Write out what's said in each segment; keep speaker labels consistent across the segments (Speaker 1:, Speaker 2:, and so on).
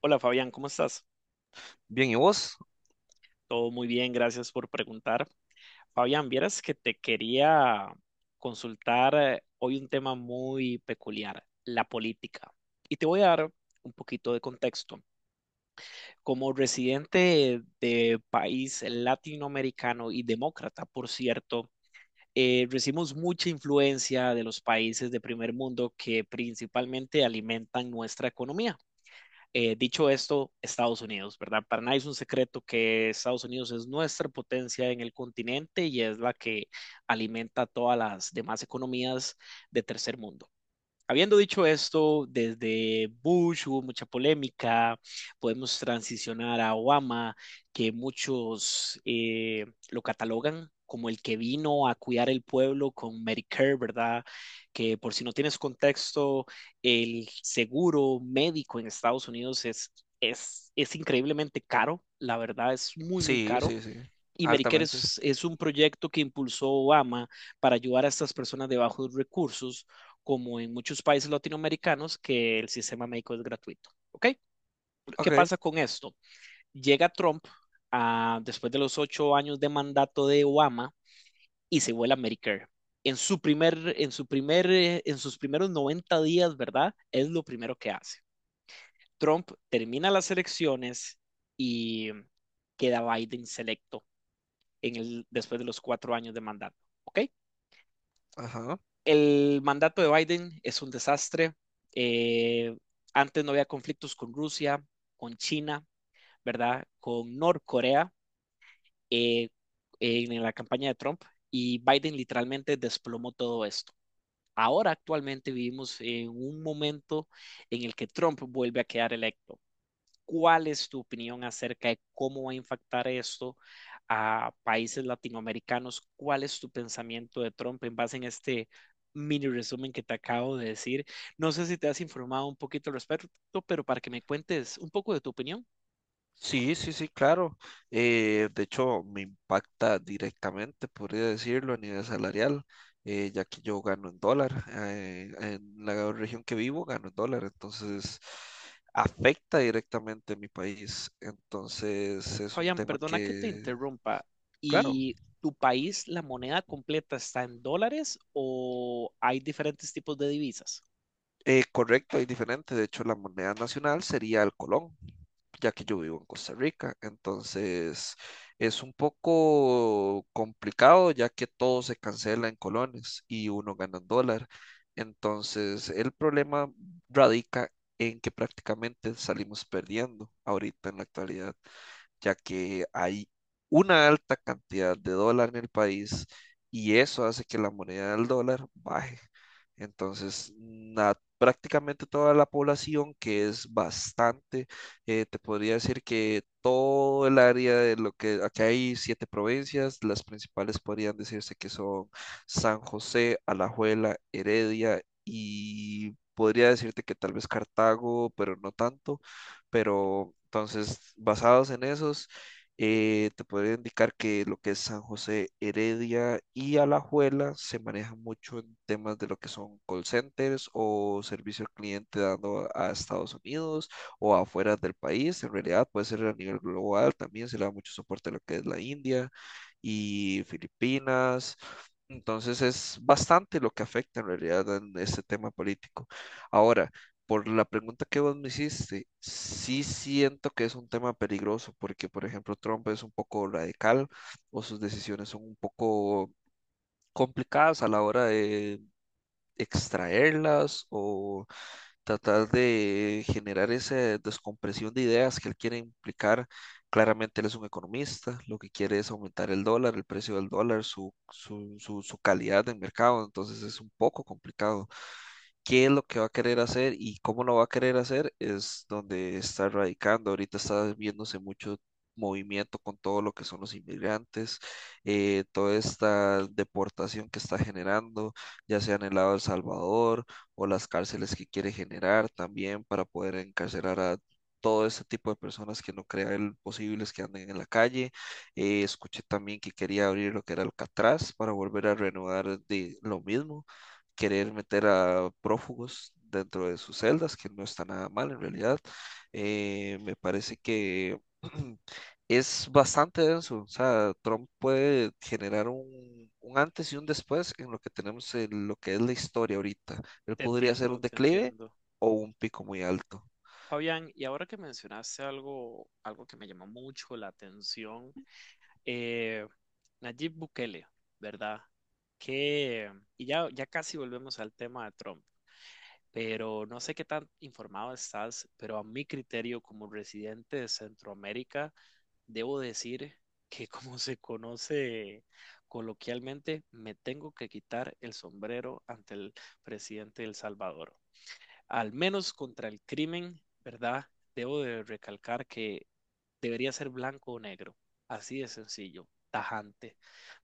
Speaker 1: Hola Fabián, ¿cómo estás?
Speaker 2: Bien, ¿y vos?
Speaker 1: Todo muy bien, gracias por preguntar. Fabián, vieras que te quería consultar hoy un tema muy peculiar, la política. Y te voy a dar un poquito de contexto. Como residente de país latinoamericano y demócrata, por cierto, recibimos mucha influencia de los países de primer mundo que principalmente alimentan nuestra economía. Dicho esto, Estados Unidos, ¿verdad? Para nadie es un secreto que Estados Unidos es nuestra potencia en el continente y es la que alimenta todas las demás economías de tercer mundo. Habiendo dicho esto, desde Bush hubo mucha polémica, podemos transicionar a Obama, que muchos lo catalogan como el que vino a cuidar el pueblo con Medicare, ¿verdad? Que por si no tienes contexto, el seguro médico en Estados Unidos es increíblemente caro, la verdad es muy, muy
Speaker 2: Sí,
Speaker 1: caro
Speaker 2: sí, sí,
Speaker 1: y Medicare
Speaker 2: altamente.
Speaker 1: es un proyecto que impulsó Obama para ayudar a estas personas de bajos recursos, como en muchos países latinoamericanos, que el sistema médico es gratuito. ¿Ok? ¿Qué
Speaker 2: Ok,
Speaker 1: pasa con esto? Llega Trump después de los 8 años de mandato de Obama y se vuela Medicare. En sus primeros 90 días, ¿verdad? Es lo primero que hace. Trump termina las elecciones y queda Biden selecto después de los 4 años de mandato. ¿Ok?
Speaker 2: ajá.
Speaker 1: El mandato de Biden es un desastre. Eh, Antes no había conflictos con Rusia, con China, ¿verdad? Con Norcorea eh, en la campaña de Trump y Biden literalmente desplomó todo esto. Ahora actualmente vivimos en un momento en el que Trump vuelve a quedar electo. ¿Cuál es tu opinión acerca de cómo va a impactar esto a países latinoamericanos? ¿Cuál es tu pensamiento de Trump en base en este mini resumen que te acabo de decir? No sé si te has informado un poquito al respecto, pero para que me cuentes un poco de tu opinión.
Speaker 2: Sí, sí, sí, claro. De hecho, me impacta directamente, podría decirlo, a nivel salarial, ya que yo gano en dólar. En la región que vivo gano en dólar, entonces afecta directamente a mi país. Entonces es un
Speaker 1: Fabián,
Speaker 2: tema
Speaker 1: perdona que te
Speaker 2: que,
Speaker 1: interrumpa.
Speaker 2: claro,
Speaker 1: ¿Y tu país, la moneda completa está en dólares o hay diferentes tipos de divisas?
Speaker 2: correcto y diferente. De hecho, la moneda nacional sería el colón, ya que yo vivo en Costa Rica. Entonces es un poco complicado, ya que todo se cancela en colones y uno gana en dólar. Entonces el problema radica en que prácticamente salimos perdiendo ahorita en la actualidad, ya que hay una alta cantidad de dólar en el país y eso hace que la moneda del dólar baje. Entonces, prácticamente toda la población, que es bastante, te podría decir que todo el área de lo que acá hay 7 provincias, las principales podrían decirse que son San José, Alajuela, Heredia y podría decirte que tal vez Cartago, pero no tanto. Pero entonces, basados en esos, te podría indicar que lo que es San José, Heredia y Alajuela se manejan mucho en temas de lo que son call centers o servicio al cliente dando a Estados Unidos o afuera del país. En realidad puede ser a nivel global, también se le da mucho soporte a lo que es la India y Filipinas. Entonces es bastante lo que afecta en realidad en este tema político. Ahora, por la pregunta que vos me hiciste, sí siento que es un tema peligroso porque, por ejemplo, Trump es un poco radical o sus decisiones son un poco complicadas a la hora de extraerlas o tratar de generar esa descompresión de ideas que él quiere implicar. Claramente él es un economista, lo que quiere es aumentar el dólar, el precio del dólar, su calidad del mercado. Entonces es un poco complicado qué es lo que va a querer hacer y cómo lo va a querer hacer es donde está radicando. Ahorita está viéndose mucho movimiento con todo lo que son los inmigrantes, toda esta deportación que está generando, ya sea en el lado de El Salvador o las cárceles que quiere generar también para poder encarcelar a todo ese tipo de personas que no crea él posibles que anden en la calle. Escuché también que quería abrir lo que era Alcatraz para volver a renovar de lo mismo, querer meter a prófugos dentro de sus celdas, que no está nada mal en realidad. Me parece que es bastante denso. O sea, Trump puede generar un antes y un después en lo que tenemos, en lo que es la historia ahorita. Él
Speaker 1: Te
Speaker 2: podría ser
Speaker 1: entiendo,
Speaker 2: un
Speaker 1: te
Speaker 2: declive
Speaker 1: entiendo.
Speaker 2: o un pico muy alto.
Speaker 1: Fabián, y ahora que mencionaste algo, algo que me llamó mucho la atención, eh, Nayib Bukele, ¿verdad? Que, ya casi volvemos al tema de Trump, pero no sé qué tan informado estás, pero a mi criterio como residente de Centroamérica, debo decir que como se conoce coloquialmente, me tengo que quitar el sombrero ante el presidente de El Salvador al menos contra el crimen, ¿verdad? Debo de recalcar que debería ser blanco o negro, así de sencillo, tajante,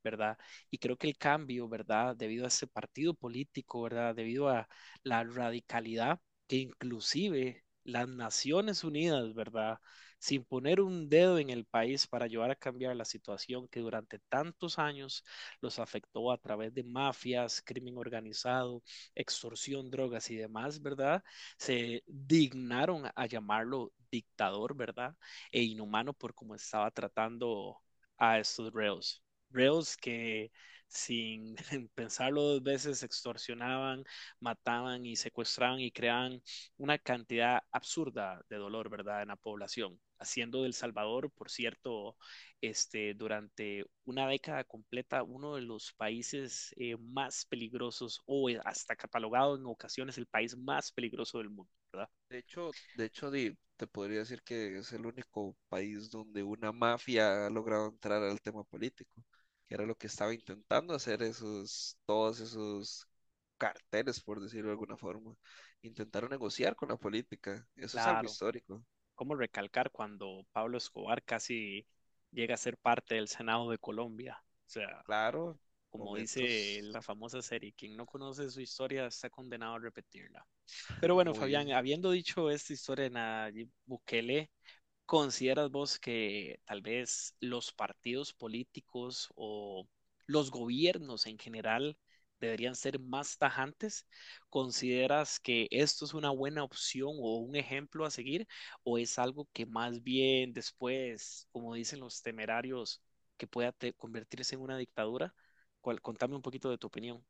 Speaker 1: ¿verdad? Y creo que el cambio, ¿verdad? Debido a ese partido político, ¿verdad? Debido a la radicalidad que inclusive las Naciones Unidas, ¿verdad? Sin poner un dedo en el país para ayudar a cambiar la situación que durante tantos años los afectó a través de mafias, crimen organizado, extorsión, drogas y demás, ¿verdad? Se dignaron a llamarlo dictador, ¿verdad? E inhumano por cómo estaba tratando a estos reos. Reos que sin pensarlo dos veces extorsionaban, mataban y secuestraban y creaban una cantidad absurda de dolor, ¿verdad?, en la población, haciendo del Salvador, por cierto, este, durante una década completa uno de los países más peligrosos o hasta catalogado en ocasiones el país más peligroso del mundo, ¿verdad?
Speaker 2: Te podría decir que es el único país donde una mafia ha logrado entrar al tema político, que era lo que estaba intentando hacer esos, todos esos carteles, por decirlo de alguna forma. Intentaron negociar con la política. Eso es algo
Speaker 1: Claro,
Speaker 2: histórico.
Speaker 1: ¿cómo recalcar cuando Pablo Escobar casi llega a ser parte del Senado de Colombia? O sea,
Speaker 2: Claro,
Speaker 1: como dice
Speaker 2: momentos
Speaker 1: la famosa serie, quien no conoce su historia está condenado a repetirla. Pero bueno,
Speaker 2: muy...
Speaker 1: Fabián, habiendo dicho esta historia de Nayib Bukele, ¿consideras vos que tal vez los partidos políticos o los gobiernos en general deberían ser más tajantes? ¿Consideras que esto es una buena opción o un ejemplo a seguir? ¿O es algo que más bien después, como dicen los temerarios, que pueda convertirse en una dictadura? Contame un poquito de tu opinión.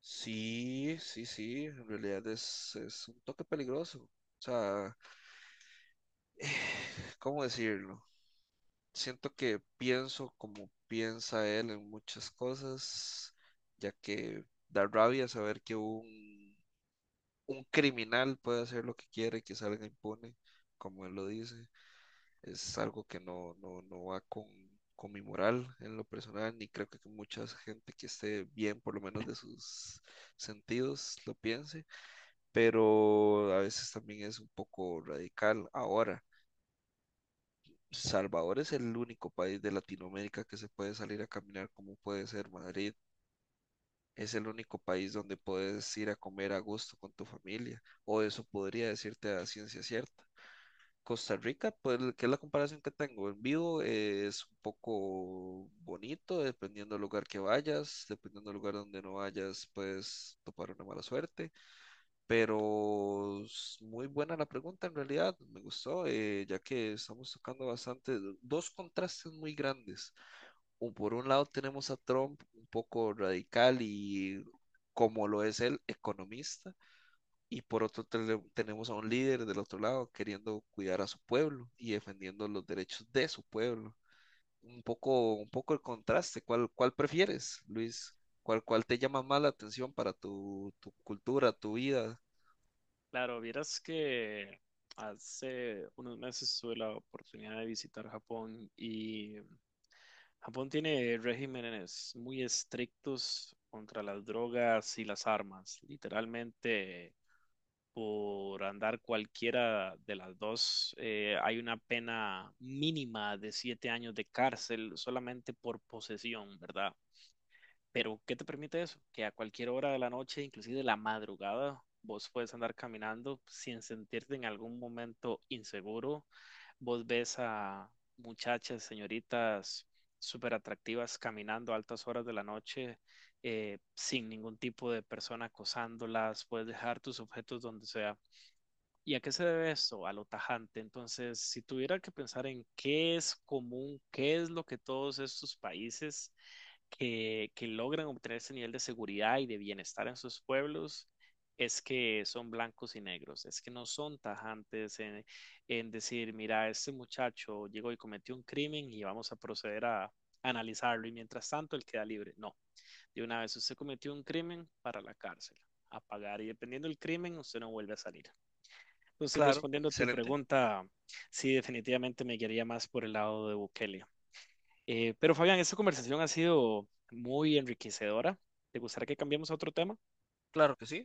Speaker 2: Sí, sí, sí, en realidad es un toque peligroso. O sea, ¿cómo decirlo? Siento que pienso como piensa él en muchas cosas, ya que da rabia saber que un criminal puede hacer lo que quiere y que salga impune, como él lo dice. Es algo que no, no, no va con mi moral en lo personal, ni creo que mucha gente que esté bien, por lo menos de sus sentidos, lo piense, pero a veces también es un poco radical. Ahora Salvador es el único país de Latinoamérica que se puede salir a caminar como puede ser Madrid. Es el único país donde puedes ir a comer a gusto con tu familia, o eso podría decirte a ciencia cierta. Costa Rica, pues, que es la comparación que tengo en vivo, es un poco bonito, dependiendo del lugar que vayas, dependiendo del lugar donde no vayas, puedes topar una mala suerte. Muy buena la pregunta en realidad, me gustó, ya que estamos tocando bastante, dos contrastes muy grandes. Por un lado tenemos a Trump un poco radical y como lo es él, economista, y por otro tenemos a un líder del otro lado queriendo cuidar a su pueblo y defendiendo los derechos de su pueblo. Un poco el contraste, ¿cuál prefieres, Luis? ¿Cuál te llama más la atención para tu cultura, tu vida?
Speaker 1: Claro, vieras que hace unos meses tuve la oportunidad de visitar Japón y Japón tiene regímenes muy estrictos contra las drogas y las armas. Literalmente, por andar cualquiera de las dos, hay una pena mínima de 7 años de cárcel solamente por posesión, ¿verdad? Pero, ¿qué te permite eso? Que a cualquier hora de la noche, inclusive de la madrugada, vos puedes andar caminando sin sentirte en algún momento inseguro. Vos ves a muchachas, señoritas súper atractivas caminando a altas horas de la noche, sin ningún tipo de persona acosándolas. Puedes dejar tus objetos donde sea. ¿Y a qué se debe esto? A lo tajante. Entonces, si tuviera que pensar en qué es común, qué es lo que todos estos países que logran obtener ese nivel de seguridad y de bienestar en sus pueblos es que son blancos y negros, es que no son tajantes en decir, mira, este muchacho llegó y cometió un crimen y vamos a proceder a analizarlo y mientras tanto él queda libre. No, de una vez usted cometió un crimen para la cárcel, a pagar y dependiendo del crimen usted no vuelve a salir. Entonces,
Speaker 2: Claro,
Speaker 1: respondiendo a tu
Speaker 2: excelente,
Speaker 1: pregunta, sí, definitivamente me guiaría más por el lado de Bukele. Pero Fabián, esta conversación ha sido muy enriquecedora. ¿Te gustaría que cambiemos a otro tema?
Speaker 2: claro que sí.